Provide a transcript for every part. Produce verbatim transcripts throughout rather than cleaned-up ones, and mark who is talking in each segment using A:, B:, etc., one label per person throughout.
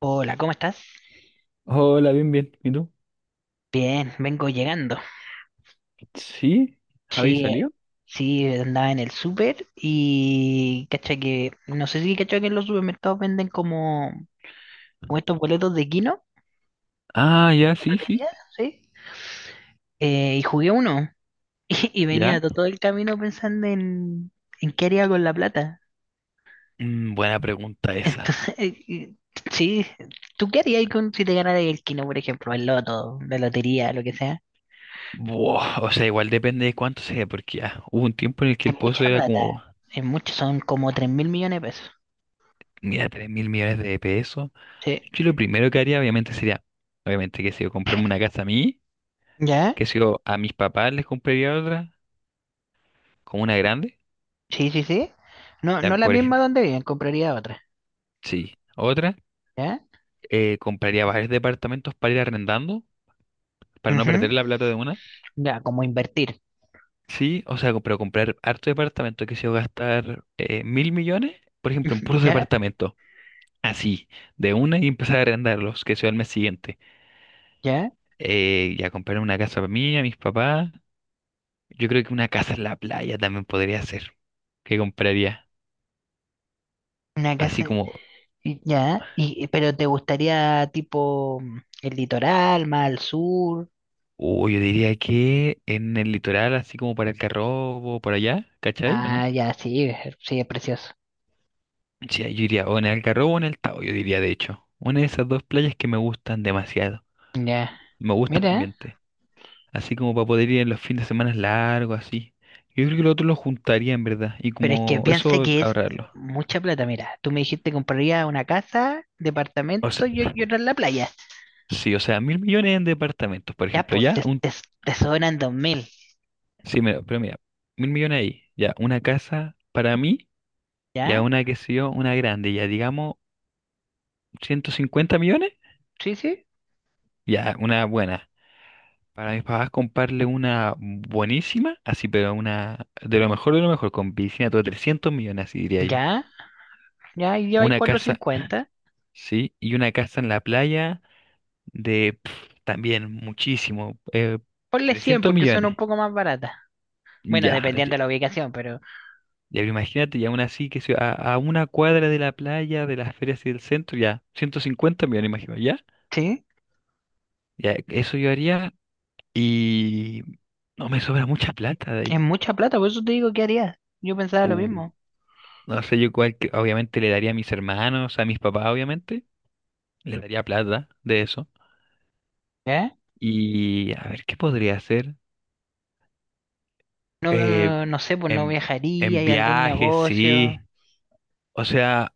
A: Hola, ¿cómo estás?
B: Hola, bien, bien. ¿Y tú?
A: Bien, vengo llegando.
B: ¿Sí? ¿Habéis
A: Sí, eh,
B: salió?
A: sí, andaba en el súper y cacha que, no sé si cacha que en los supermercados venden como, como estos boletos de Kino,
B: Ah, ya,
A: de
B: sí, sí.
A: lotería, ¿sí? Eh, y jugué uno y, y venía
B: ¿Ya?
A: to- todo el camino pensando en, en qué haría con la plata.
B: Mm, buena pregunta esa.
A: Entonces, y- sí, ¿tú qué harías con, si te ganara el Kino, por ejemplo, el loto, la lotería, lo que sea?
B: Buah, o sea, igual depende de cuánto sea, porque ya hubo un tiempo en el que
A: Es
B: el pozo
A: mucha
B: era
A: plata,
B: como,
A: es mucho, son como tres mil millones de pesos.
B: mira, tres mil millones de pesos.
A: Sí.
B: Yo lo primero que haría, obviamente, sería, obviamente, que si yo comprarme una casa a mí,
A: ¿Ya?
B: que si yo a mis papás les compraría otra, como una grande,
A: Sí, sí, sí. No,
B: ya,
A: no la
B: por
A: misma
B: ejemplo,
A: donde viven, compraría otra.
B: sí, otra,
A: ¿Ya?
B: eh, compraría varios departamentos para ir arrendando, para no
A: Ujú.
B: perder la plata de una.
A: Ya, como invertir.
B: Sí, o sea, co- pero comprar harto departamento que se va a gastar eh, mil millones, por ejemplo, en puros
A: ¿Ya?
B: departamentos, así, de una y empezar a arrendarlos, que sea el mes siguiente.
A: ¿Ya?
B: Eh, ya comprar una casa para mí, a mis papás. Yo creo que una casa en la playa también podría ser. ¿Qué compraría?
A: Una
B: Así
A: casa.
B: como,
A: y- ¿Ya? Y, pero te gustaría tipo mm, el litoral, más al sur.
B: o yo diría que en el litoral, así como para el Algarrobo, por allá, ¿cachai? ¿O
A: Ah,
B: no?
A: ya, sí, sí, es precioso.
B: Sí, yo diría o en el Algarrobo o en el Tao, yo diría de hecho. Una de esas dos playas que me gustan demasiado.
A: Ya.
B: Me gusta el
A: Mira,
B: ambiente. Así como para poder ir en los fines de semana largos, así. Yo creo que lo otro lo juntaría en verdad. Y
A: pero es que
B: como
A: piensa
B: eso,
A: que es
B: ahorrarlo.
A: mucha plata. Mira, tú me dijiste que compraría una casa,
B: O
A: departamento
B: sea,
A: y, y otra en la playa.
B: sí, o sea, mil millones en departamentos, por
A: Ya,
B: ejemplo.
A: pues,
B: Ya,
A: te,
B: un.
A: te, te sobran dos mil.
B: Sí, mira, pero mira, mil millones ahí. Ya, una casa para mí. Ya,
A: ¿Ya?
B: una que sé yo, una grande. Ya, digamos, ciento cincuenta millones.
A: Sí, sí.
B: Ya, una buena. Para mis papás comprarle una buenísima, así, pero una de lo mejor de lo mejor, con piscina, todo trescientos millones, así diría yo.
A: Ya. Ya, y lleva ahí
B: Una
A: cuatrocientos
B: casa,
A: cincuenta
B: sí, y una casa en la playa de pf, también muchísimo, eh,
A: Ponle cien
B: trescientos
A: porque son un
B: millones.
A: poco más baratas. Bueno,
B: Ya, ya,
A: dependiendo de la ubicación, pero
B: ya imagínate, ya aún así que se- a, a una cuadra de la playa, de las ferias y del centro, ya, ciento cincuenta millones, imagino, ya.
A: sí,
B: Ya, eso yo haría y no me sobra mucha plata de
A: es
B: ahí.
A: mucha plata, por eso te digo, ¿qué harías? Yo pensaba lo
B: Uh,
A: mismo.
B: no sé, yo cuál, que- obviamente le daría a mis hermanos, a mis papás, obviamente, le daría plata de eso.
A: ¿Eh?
B: Y a ver, ¿qué podría hacer? Eh,
A: No, no sé, pues no
B: en,
A: viajaría,
B: en
A: hay algún
B: viajes,
A: negocio.
B: sí. O sea,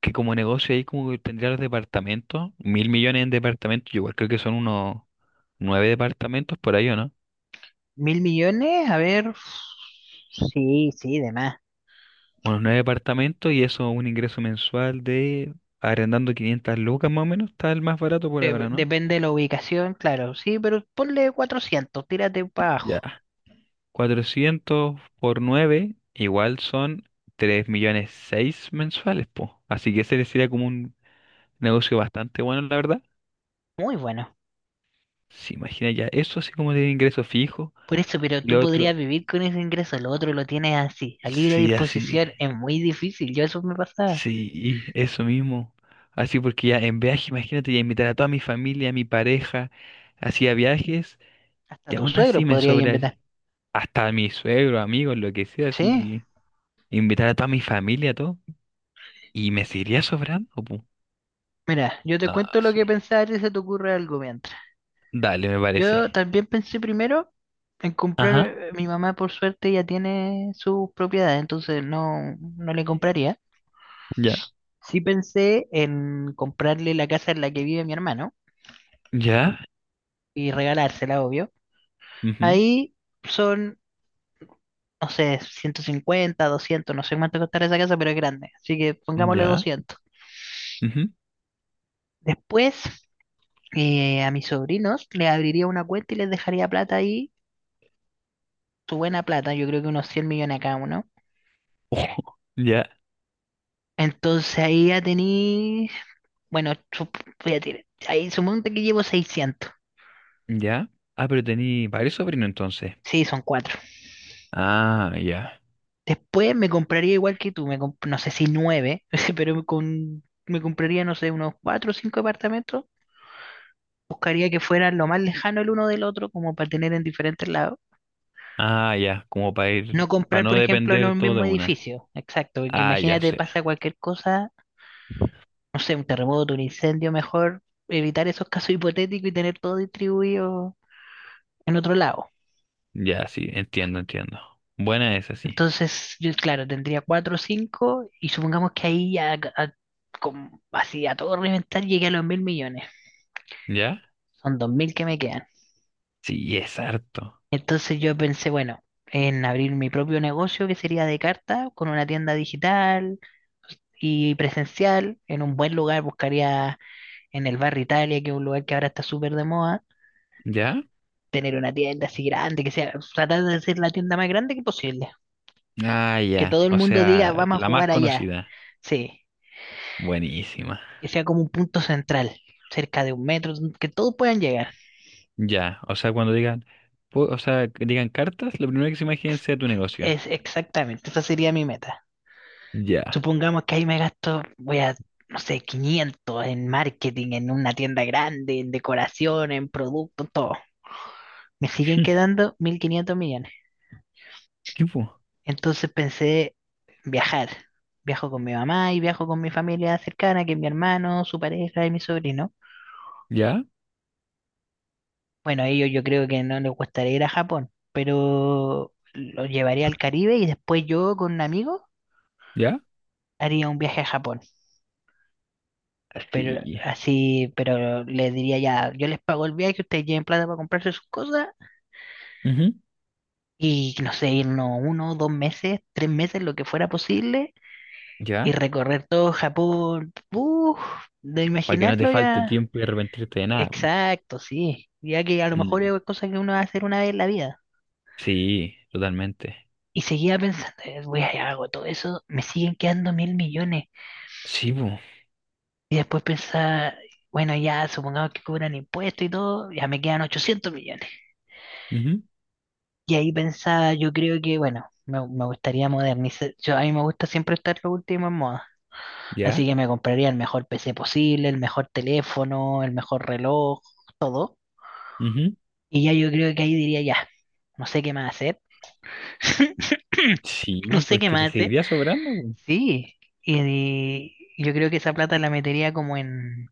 B: que como negocio ahí como que tendría los departamentos, mil millones en departamentos, yo igual creo que son unos nueve departamentos por ahí, ¿o no?
A: ¿Mil millones? A ver. Sí, sí, de más.
B: Unos nueve departamentos y eso un ingreso mensual de arrendando quinientas lucas más o menos, está el más barato por
A: De-
B: ahora, ¿no?
A: depende de la ubicación, claro, sí, pero ponle cuatrocientos tírate para abajo.
B: Ya. Cuatrocientos por nueve igual son tres millones seis mensuales, po. Así que ese le sería como un negocio bastante bueno, la verdad.
A: Muy bueno.
B: Se imagina ya eso así como de ingreso fijo.
A: Por eso, pero
B: Y
A: tú
B: lo
A: podrías
B: otro,
A: vivir con ese ingreso, lo otro lo tienes así, a libre
B: sí, así.
A: disposición, es muy difícil, yo eso me pasaba.
B: Sí, eso mismo. Así porque ya en viaje, imagínate, ya invitar a toda mi familia, a mi pareja, hacía viajes,
A: Hasta
B: y
A: tu
B: aún así
A: suegro
B: me
A: podría ir
B: sobra
A: invitar.
B: hasta a mi suegro, amigos, lo que sea,
A: Sí,
B: así, invitar a toda mi familia, todo, y me seguiría sobrando, pu.
A: mira, yo te
B: No,
A: cuento lo que
B: sí.
A: pensaba y se te ocurre algo mientras.
B: Dale, me
A: Yo
B: parece.
A: también pensé primero en comprar,
B: Ajá,
A: eh, mi mamá por suerte ya tiene sus propiedades, entonces no, no le compraría.
B: ya.
A: Sí pensé en comprarle la casa en la que vive mi hermano
B: Ya,
A: y regalársela, obvio.
B: ujú,
A: Ahí son, no sé, ciento cincuenta, doscientos, no sé cuánto costará esa casa, pero es grande, así que pongámosle
B: ya,
A: doscientos.
B: ujú.
A: Después eh, a mis sobrinos, les abriría una cuenta y les dejaría plata ahí, su buena plata, yo creo que unos cien millones a cada uno.
B: Ojo, ya,
A: Entonces ahí ya tení, bueno, su- voy a tirar, ahí sumonte que llevo seiscientos.
B: ya. Ah, pero tení varios sobrinos entonces.
A: Sí, son cuatro.
B: Ah, ya.
A: Después me compraría igual que tú, me comp- no sé si nueve, pero me con, me compraría, no sé, unos cuatro o cinco departamentos. Buscaría que fueran lo más lejano el uno del otro, como para tener en diferentes lados.
B: Ah, ya, como para ir,
A: No
B: para
A: comprar,
B: no
A: por ejemplo, en
B: depender
A: un
B: todo de
A: mismo
B: una.
A: edificio. Exacto, porque
B: Ah, ya
A: imagínate,
B: sé.
A: pasa cualquier cosa, no sé, un terremoto, un incendio, mejor evitar esos casos hipotéticos y tener todo distribuido en otro lado.
B: Ya, sí, entiendo, entiendo. Buena esa, sí.
A: Entonces, yo, claro, tendría cuatro o cinco y supongamos que ahí ya, a- con- así a todo reventar llegué a los mil millones.
B: ¿Ya?
A: Son dos mil que me quedan.
B: Sí, es harto.
A: Entonces yo pensé, bueno, en abrir mi propio negocio que sería de carta, con una tienda digital y presencial, en un buen lugar, buscaría en el barrio Italia, que es un lugar que ahora está súper de moda,
B: ¿Ya?
A: tener una tienda así grande, que sea, tratar de hacer la tienda más grande que posible.
B: Ah,
A: Que
B: ya.
A: todo el
B: O
A: mundo diga,
B: sea,
A: vamos a
B: la más
A: jugar allá.
B: conocida.
A: Sí,
B: Buenísima.
A: que sea como un punto central, cerca de un metro, que todos puedan llegar.
B: Ya. O sea, cuando digan, pu- o sea, que digan cartas, lo primero que se imaginen sea tu negocio.
A: Es exactamente, esa sería mi meta.
B: Ya.
A: Supongamos que ahí me gasto, voy a, no sé, quinientos en marketing, en una tienda grande, en decoración, en producto, todo. Me siguen quedando mil quinientos millones.
B: Tipo,
A: Entonces pensé viajar. Viajo con mi mamá y viajo con mi familia cercana, que es mi hermano, su pareja y mi sobrino.
B: ¿ya?
A: Bueno, a ellos yo creo que no les gustaría ir a Japón, pero los llevaría al Caribe y después yo con un amigo
B: ¿Ya?
A: haría un viaje a Japón. Pero
B: Sí.
A: así, pero les diría ya, yo les pago el viaje, ustedes lleven plata para comprarse sus cosas
B: Ujú.
A: y no sé, irnos uno, dos meses, tres meses, lo que fuera posible y
B: ¿Ya?
A: recorrer todo Japón. Uf, de
B: Para que no te
A: imaginarlo
B: falte
A: ya.
B: tiempo y arrepentirte de nada, po.
A: Exacto, sí. Ya que a lo mejor es
B: Mm.
A: cosa que uno va a hacer una vez en la vida.
B: Sí, totalmente.
A: Y seguía pensando, "Eh, voy a hago todo eso, me siguen quedando mil millones.
B: Sí, po.
A: Y después pensaba, bueno, ya supongamos que cobran impuestos y todo, ya me quedan ochocientos millones.
B: Ujú.
A: Y ahí pensaba, yo creo que, bueno, me, me gustaría modernizar. Yo, a mí me gusta siempre estar lo último en moda.
B: ¿Ya?
A: Así que me compraría el mejor P C posible, el mejor teléfono, el mejor reloj, todo. Y ya yo creo que ahí diría, ya, no sé qué más hacer. No
B: Sí,
A: sé qué
B: porque te
A: más hace.
B: seguiría sobrando, po.
A: Sí, y, y yo creo que esa plata la metería como en,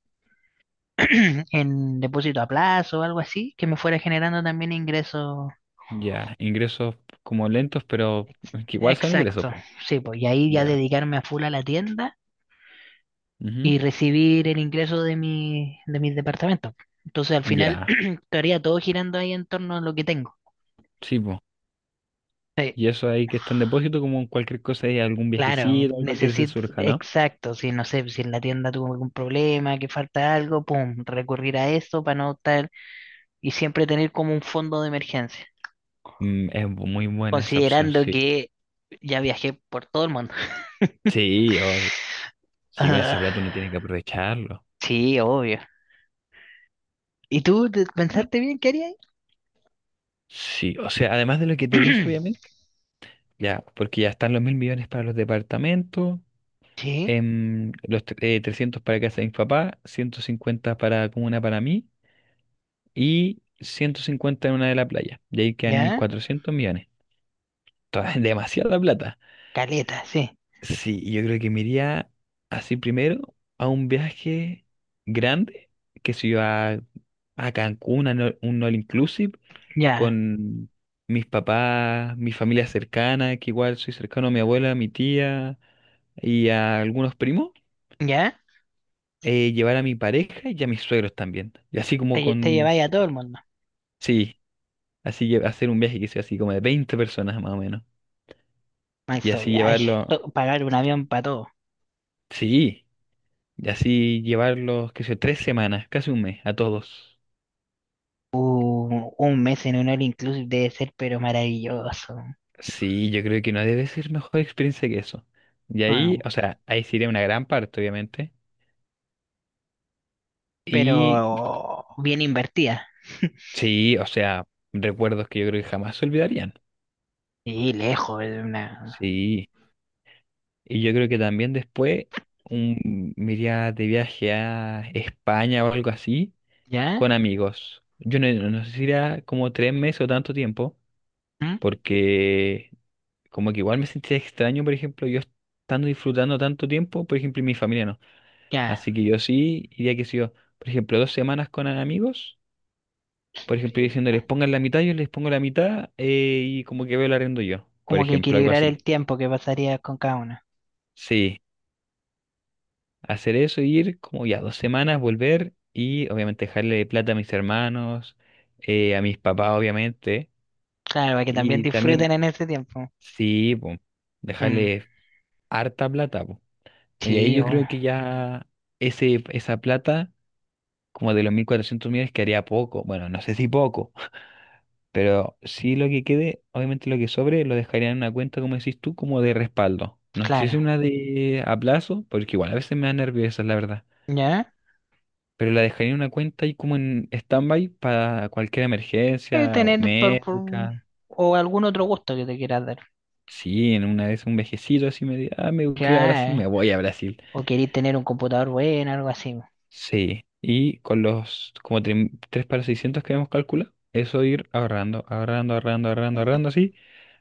A: en depósito a plazo o algo así, que me fuera generando también ingresos.
B: Ya, ingresos como lentos, pero
A: Ex-
B: que igual son ingresos,
A: Exacto,
B: po.
A: sí, pues, y ahí ya
B: Ya.
A: dedicarme a full a la tienda
B: Ujú,
A: y recibir el ingreso de mi, de mis departamentos. Entonces al final
B: ya,
A: estaría todo girando ahí en torno a lo que tengo.
B: sí, po.
A: Sí,
B: Y eso ahí que está en depósito, como en cualquier cosa, hay algún
A: claro,
B: viejecito, algo que se
A: necesito,
B: surja, ¿no?
A: exacto, si no sé, si en la tienda tuvo algún problema, que falta algo, pum, recurrir a esto para no estar, y siempre tener como un fondo de emergencia,
B: Mm, es bu- muy buena esa opción,
A: considerando
B: sí.
A: que ya viajé por todo el mundo.
B: Sí, obvio. Sí, con esa
A: Ah,
B: plata uno tiene que aprovecharlo.
A: sí, obvio. ¿Y tú te- pensaste bien qué harías?
B: Sí, o sea, además de lo que te dije, obviamente, ya, porque ya están los mil millones para los departamentos,
A: Sí,
B: em, los tre- eh, trescientos para casa de mi papá, ciento cincuenta para comuna para mí, y ciento cincuenta en una de la playa. Y ahí quedan mil
A: ya,
B: cuatrocientos millones. Toda- demasiada plata.
A: caleta, sí,
B: Sí, y yo creo que me iría así primero a un viaje grande, que si yo a, a Cancún, a no- un all inclusive,
A: ya,
B: con mis papás, mi familia cercana, que igual soy cercano a mi abuela, a mi tía y a algunos primos.
A: ya.
B: eh, llevar a mi pareja y a mis suegros también. Y así
A: Te,
B: como
A: lle- te
B: con...
A: lleváis a
B: su-
A: todo el mundo.
B: sí, así que hacer un viaje que sea así como de veinte personas más o menos. Y
A: Maestro
B: así
A: viaje,
B: llevarlo,
A: to- pagar un avión
B: sí,
A: para todo.
B: sí, y así llevarlos, qué sé yo, tres semanas, casi un mes, a todos.
A: Uh, un mes en un all inclusive debe ser, pero maravilloso.
B: Sí, yo creo que no debe ser mejor experiencia que eso. Y ahí,
A: Bueno,
B: o sea, ahí sería una gran parte, obviamente.
A: pero
B: Y
A: bien invertida.
B: sí, o sea, recuerdos que yo creo que jamás se olvidarían.
A: Sí, lejos de una.
B: Sí, y yo creo que también después un, me iría de viaje a España o algo así
A: ¿Ya?
B: con amigos. Yo no, no sé si era como tres meses o tanto tiempo,
A: ¿Mm?
B: porque como que igual me sentía extraño, por ejemplo, yo estando disfrutando tanto tiempo, por ejemplo, y mi familia no.
A: Ya.
B: Así que yo sí iría que si yo, por ejemplo, dos semanas con amigos, por ejemplo, diciéndoles pongan la mitad, yo les pongo la mitad eh, y como que veo el arriendo yo, por
A: Como que
B: ejemplo, algo
A: equilibrar el
B: así.
A: tiempo que pasaría con cada una.
B: Sí, hacer eso, ir como ya dos semanas, volver y obviamente dejarle plata a mis hermanos, eh, a mis papás, obviamente,
A: Claro, para que también
B: y también,
A: disfruten en ese tiempo.
B: sí, po,
A: Mm,
B: dejarle harta plata, po. Y ahí
A: sí,
B: yo
A: obvio,
B: creo que ya ese, esa plata, como de los mil cuatrocientos millones, quedaría poco. Bueno, no sé si poco, pero sí lo que quede, obviamente lo que sobre, lo dejaría en una cuenta, como decís tú, como de respaldo. No sé si
A: claro.
B: una de a plazo, porque igual a veces me da nervios, esa es la verdad.
A: ¿Ya?
B: Pero la dejaría en una cuenta y como en stand-by para cualquier
A: Y
B: emergencia o
A: tener por, por-
B: médica.
A: o algún otro gusto que te quieras dar.
B: Sí, en una vez un vejecito así me diga, ah, me quiero ir a Brasil, me
A: Ya,
B: voy a Brasil.
A: o querís tener un computador bueno, algo así.
B: Sí, y con los como tre- tres para seiscientos que habíamos calculado, eso ir ahorrando, ahorrando, ahorrando, ahorrando, ahorrando así,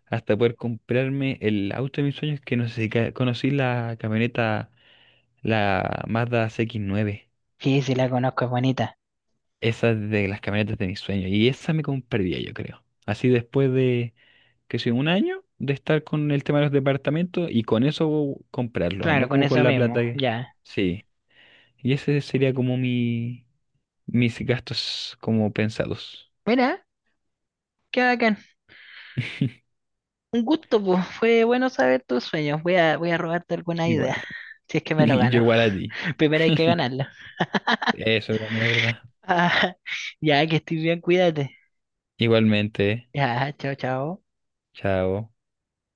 B: hasta poder comprarme el auto de mis sueños, que no sé si ca- conocí la camioneta, la Mazda C X nueve,
A: Sí, sí, la conozco, es bonita.
B: esa es de las camionetas de mis sueños, y esa me compraría yo creo. Así después de, que sé, un año de estar con el tema de los departamentos y con eso comprarlos,
A: Claro,
B: no
A: con
B: como con
A: eso
B: la
A: mismo,
B: plata que...
A: ya.
B: Sí, y ese sería como mi... mis gastos como pensados.
A: Mira, qué bacán. Un gusto, pues. Fue bueno saber tus sueños. Voy a, voy a robarte alguna idea,
B: Igual,
A: si es que
B: yo
A: me lo gano.
B: igual a ti.
A: Primero hay que ganarlo.
B: Eso también es verdad.
A: Ah, ya, que estoy bien, cuídate.
B: Igualmente,
A: Ya, chao, chao.
B: chao.